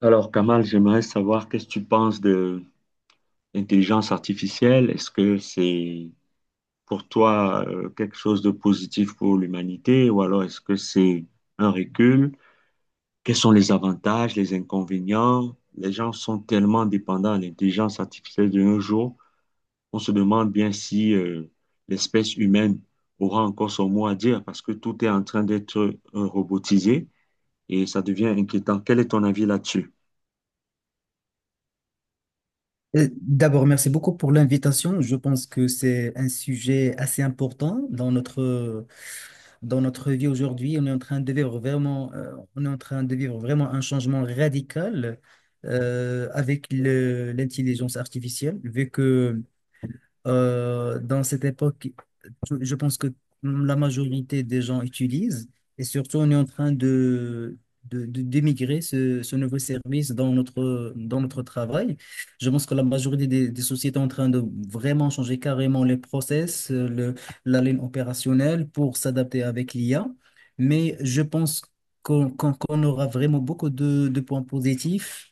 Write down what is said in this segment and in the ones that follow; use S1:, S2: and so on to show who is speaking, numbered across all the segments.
S1: Alors, Kamal, j'aimerais savoir qu'est-ce que tu penses de l'intelligence artificielle. Est-ce que c'est pour toi quelque chose de positif pour l'humanité ou alors est-ce que c'est un recul? Quels sont les avantages, les inconvénients? Les gens sont tellement dépendants de l'intelligence artificielle de nos jours, on se demande bien si l'espèce humaine aura encore son mot à dire parce que tout est en train d'être robotisé et ça devient inquiétant. Quel est ton avis là-dessus?
S2: D'abord, merci beaucoup pour l'invitation. Je pense que c'est un sujet assez important dans notre vie aujourd'hui. On est en train de vivre vraiment un changement radical avec l'intelligence artificielle, vu que dans cette époque, je pense que la majorité des gens utilisent et surtout on est en train d'émigrer ce nouveau service dans dans notre travail. Je pense que la majorité des sociétés sont en train de vraiment changer carrément les process, la ligne opérationnelle pour s'adapter avec l'IA. Mais je pense qu'on aura vraiment beaucoup de points positifs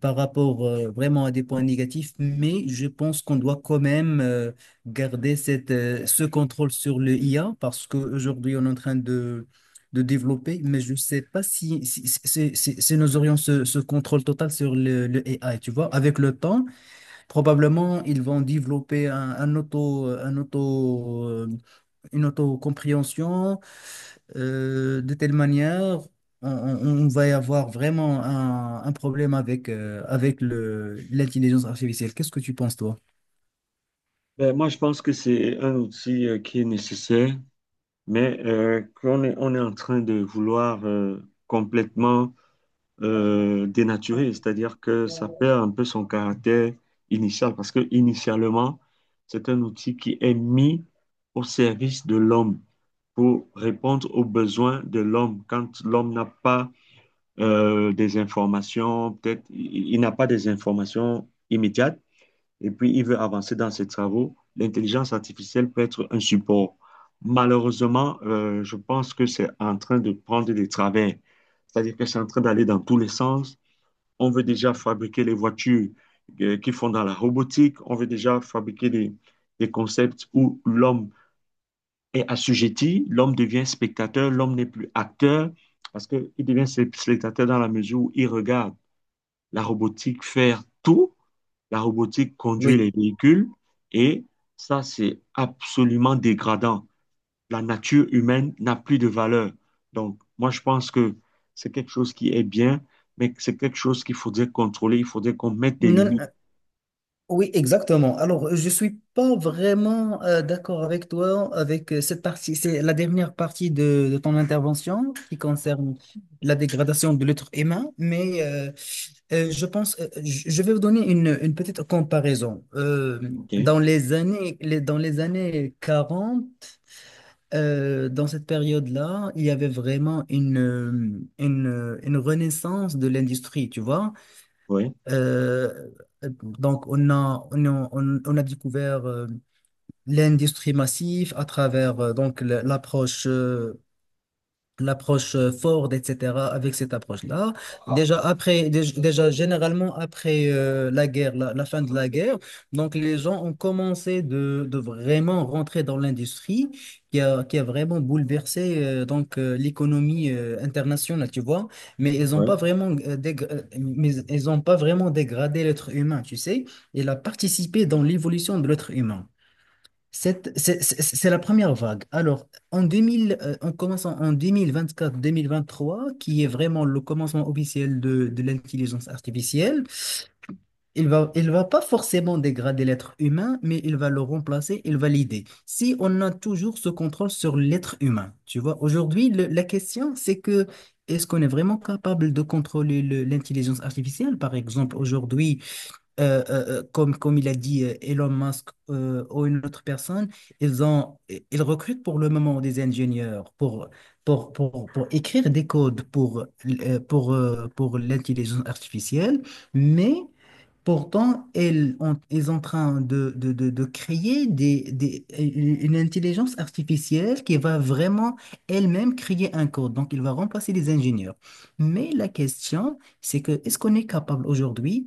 S2: par rapport vraiment à des points négatifs, mais je pense qu'on doit quand même garder ce contrôle sur le IA parce qu'aujourd'hui, on est en train de développer, mais je ne sais pas si nous aurions ce contrôle total sur le AI, tu vois. Avec le temps, probablement, ils vont développer un auto une autocompréhension. De telle manière, on va y avoir vraiment un problème avec l'intelligence artificielle. Qu'est-ce que tu penses, toi?
S1: Ben, moi, je pense que c'est un outil qui est nécessaire, mais on est en train de vouloir complètement dénaturer, c'est-à-dire que ça perd un peu son caractère initial, parce que initialement, c'est un outil qui est mis au service de l'homme pour répondre aux besoins de l'homme. Quand l'homme n'a pas des informations, peut-être il n'a pas des informations immédiates et puis il veut avancer dans ses travaux, l'intelligence artificielle peut être un support. Malheureusement, je pense que c'est en train de prendre des travers, c'est-à-dire que c'est en train d'aller dans tous les sens. On veut déjà fabriquer les voitures qui font dans la robotique, on veut déjà fabriquer des concepts où l'homme est assujetti, l'homme devient spectateur, l'homme n'est plus acteur, parce qu'il devient spectateur dans la mesure où il regarde la robotique faire tout, la robotique conduit les
S2: Oui.
S1: véhicules, et ça, c'est absolument dégradant. La nature humaine n'a plus de valeur. Donc, moi, je pense que c'est quelque chose qui est bien, mais que c'est quelque chose qu'il faudrait contrôler. Il faudrait qu'on mette des
S2: Non.
S1: limites.
S2: Oui, exactement. Alors, je suis pas vraiment d'accord avec toi avec cette partie. C'est la dernière partie de ton intervention qui concerne la dégradation de l'être humain, mais je pense, je vais vous donner une petite comparaison.
S1: OK?
S2: Dans les années 40, dans cette période-là, il y avait vraiment une renaissance de l'industrie, tu vois.
S1: Ouais,
S2: Euh, donc, on a découvert l'industrie massive à travers l'approche Ford, etc., avec cette approche-là. Ah, déjà généralement après la guerre, la fin de la guerre, donc les gens ont commencé de vraiment rentrer dans l'industrie qui a vraiment bouleversé l'économie internationale, tu vois.
S1: ouais,
S2: Mais ils ont pas vraiment dégradé l'être humain, tu sais. Il a participé dans l'évolution de l'être humain. C'est la première vague. Alors, en 2000, en commençant en 2024-2023, qui est vraiment le commencement officiel de l'intelligence artificielle, il va pas forcément dégrader l'être humain, mais il va le remplacer, il va l'aider. Si on a toujours ce contrôle sur l'être humain, tu vois, aujourd'hui, la question, c'est que est-ce qu'on est vraiment capable de contrôler l'intelligence artificielle? Par exemple, aujourd'hui, comme il a dit Elon Musk ou une autre personne, ils ont, ils recrutent pour le moment des ingénieurs pour écrire des codes pour l'intelligence artificielle, mais pourtant, ils sont en train de créer une intelligence artificielle qui va vraiment elle-même créer un code. Donc, il va remplacer les ingénieurs. Mais la question, c'est que est-ce qu'on est capable aujourd'hui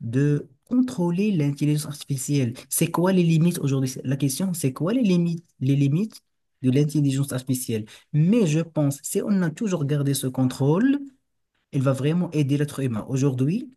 S2: de contrôler l'intelligence artificielle. C'est quoi les limites aujourd'hui? La question, c'est quoi les limites de l'intelligence artificielle? Mais je pense, si on a toujours gardé ce contrôle, elle va vraiment aider l'être humain. Aujourd'hui,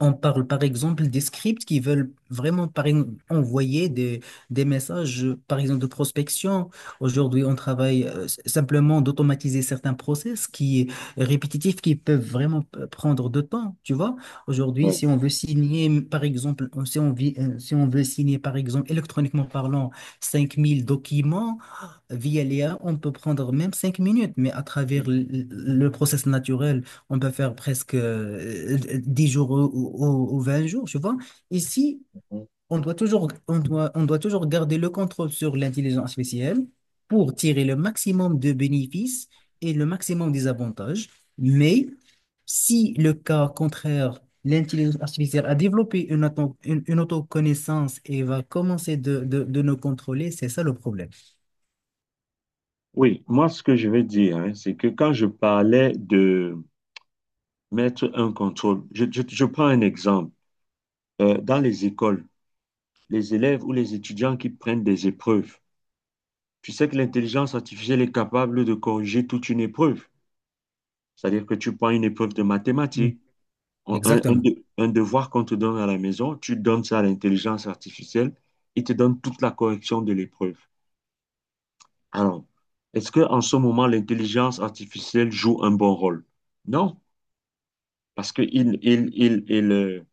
S2: on parle par exemple des scripts qui veulent vraiment envoyer des messages, par exemple de prospection. Aujourd'hui, on travaille simplement d'automatiser certains process qui répétitifs qui peuvent vraiment prendre de temps, tu vois. Aujourd'hui,
S1: ouais.
S2: si on veut signer, m- si on veut signer, par exemple, électroniquement parlant, 5 000 documents via l'IA, on peut prendre même 5 minutes, mais à travers le process naturel. On peut faire presque 10 jours ou 20 jours, tu vois. Ici, on doit toujours garder le contrôle sur l'intelligence artificielle pour tirer le maximum de bénéfices et le maximum des avantages. Mais si le cas contraire, l'intelligence artificielle a développé une autoconnaissance et va commencer de nous contrôler, c'est ça le problème.
S1: Oui, moi, ce que je vais dire, hein, c'est que quand je parlais de mettre un contrôle, je prends un exemple. Dans les écoles, les élèves ou les étudiants qui prennent des épreuves, tu sais que l'intelligence artificielle est capable de corriger toute une épreuve. C'est-à-dire que tu prends une épreuve de
S2: Mm.
S1: mathématiques,
S2: Exactement.
S1: un devoir qu'on te donne à la maison, tu donnes ça à l'intelligence artificielle, il te donne toute la correction de l'épreuve. Alors, est-ce que en ce moment, l'intelligence artificielle joue un bon rôle? Non, parce qu'il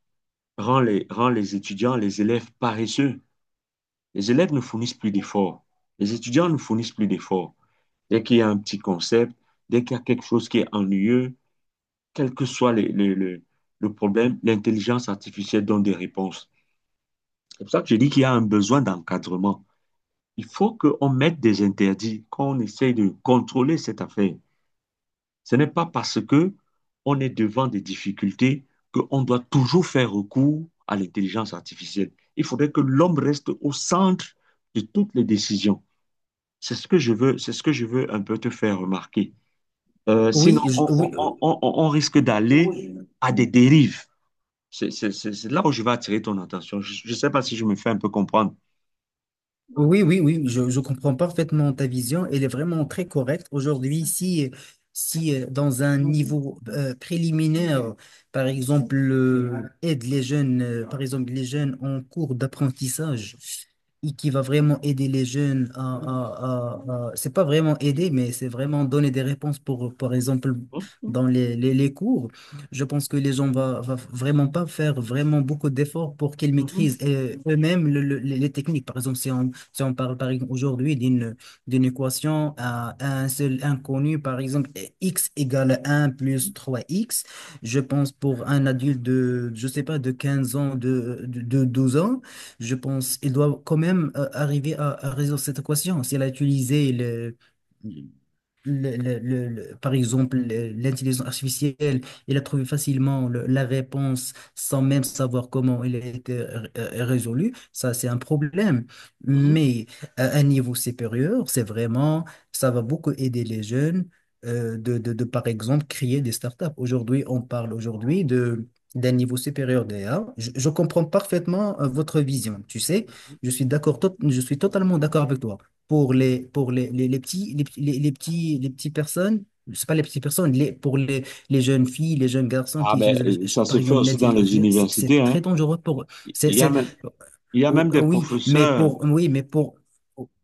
S1: rend rend les étudiants, les élèves paresseux. Les élèves ne fournissent plus d'efforts. Les étudiants ne fournissent plus d'efforts. Dès qu'il y a un petit concept, dès qu'il y a quelque chose qui est ennuyeux, quel que soit le problème, l'intelligence artificielle donne des réponses. C'est pour ça que je dis qu'il y a un besoin d'encadrement. Il faut qu'on mette des interdits, qu'on essaye de contrôler cette affaire. Ce n'est pas parce que on est devant des difficultés qu'on doit toujours faire recours à l'intelligence artificielle. Il faudrait que l'homme reste au centre de toutes les décisions. C'est ce que je veux, c'est ce que je veux un peu te faire remarquer. Sinon,
S2: Oui,
S1: on risque d'aller à des dérives. C'est là où je vais attirer ton attention. Je ne sais pas si je me fais un peu comprendre.
S2: oui, oui, oui, je comprends parfaitement ta vision. Elle est vraiment très correcte. Aujourd'hui, si dans un niveau préliminaire, par exemple, aide les jeunes, par exemple, les jeunes en cours d'apprentissage, et qui va vraiment aider les jeunes c'est pas vraiment aider, mais c'est vraiment donner des réponses par exemple,
S1: Mhm,
S2: dans les cours. Je pense que les gens va vraiment pas faire vraiment beaucoup d'efforts pour qu'ils
S1: mhm,
S2: maîtrisent eux-mêmes les techniques. Par exemple, si on parle par exemple aujourd'hui d'une équation à un seul inconnu, par exemple, x égale 1 + 3x. Je pense pour un adulte je sais pas, de 15 ans, de 12 ans, je pense il doit quand même arriver à résoudre cette équation. S'il a utilisé l'intelligence artificielle, il a trouvé facilement la réponse sans même savoir comment elle a été résolue. Ça, c'est un problème.
S1: mhm.
S2: Mais à un niveau supérieur, ça va beaucoup aider les jeunes par exemple, créer des startups. Aujourd'hui, on parle aujourd'hui de d'un niveau supérieur d'IA. Je comprends parfaitement votre vision, tu sais. Je suis totalement d'accord avec toi pour les petits, les petits, les petites personnes, c'est pas les petites personnes, les jeunes filles, les jeunes garçons
S1: Ah
S2: qui
S1: ben,
S2: utilisent,
S1: ça
S2: par
S1: se fait
S2: exemple,
S1: aussi dans
S2: l'intelligence
S1: les
S2: artificielle, c'est
S1: universités,
S2: très
S1: hein.
S2: dangereux pour eux.
S1: Il
S2: C'est,
S1: y a
S2: c'est-
S1: même, il y a même des
S2: Oui, mais
S1: professeurs, il
S2: oui, mais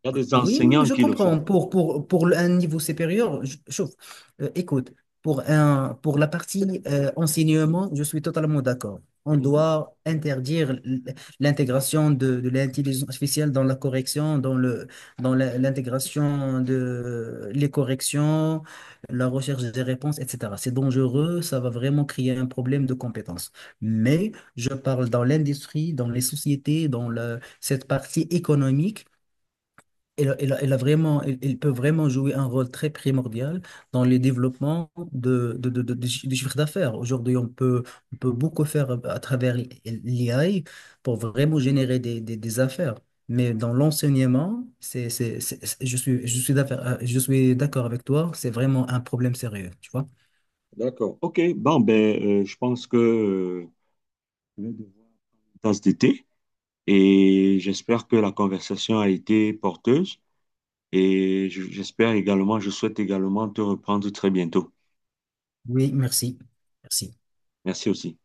S1: y a des
S2: oui, oui, oui,
S1: enseignants
S2: je
S1: qui le font.
S2: comprends. Pour un niveau supérieur, chauffe. Écoute, pour la partie enseignement, je suis totalement d'accord. On
S1: Mhm.
S2: doit interdire l'intégration de l'intelligence artificielle dans la correction, dans le, dans la- l'intégration de les corrections, la recherche des réponses, etc. C'est dangereux, ça va vraiment créer un problème de compétence. Mais je parle dans l'industrie, dans les sociétés, cette partie économique. Elle a vraiment, elle peut vraiment jouer un rôle très primordial dans le développement du chiffre d'affaires. Aujourd'hui, on peut beaucoup faire à travers l'IA pour vraiment générer des affaires. Mais dans l'enseignement, je suis d'accord avec toi, c'est vraiment un problème sérieux, tu vois.
S1: D'accord. OK. Bon, ben, je pense que je vais devoir une tasse de thé et j'espère que la conversation a été porteuse et j'espère également, je souhaite également te reprendre très bientôt.
S2: Oui, merci. Merci.
S1: Merci aussi.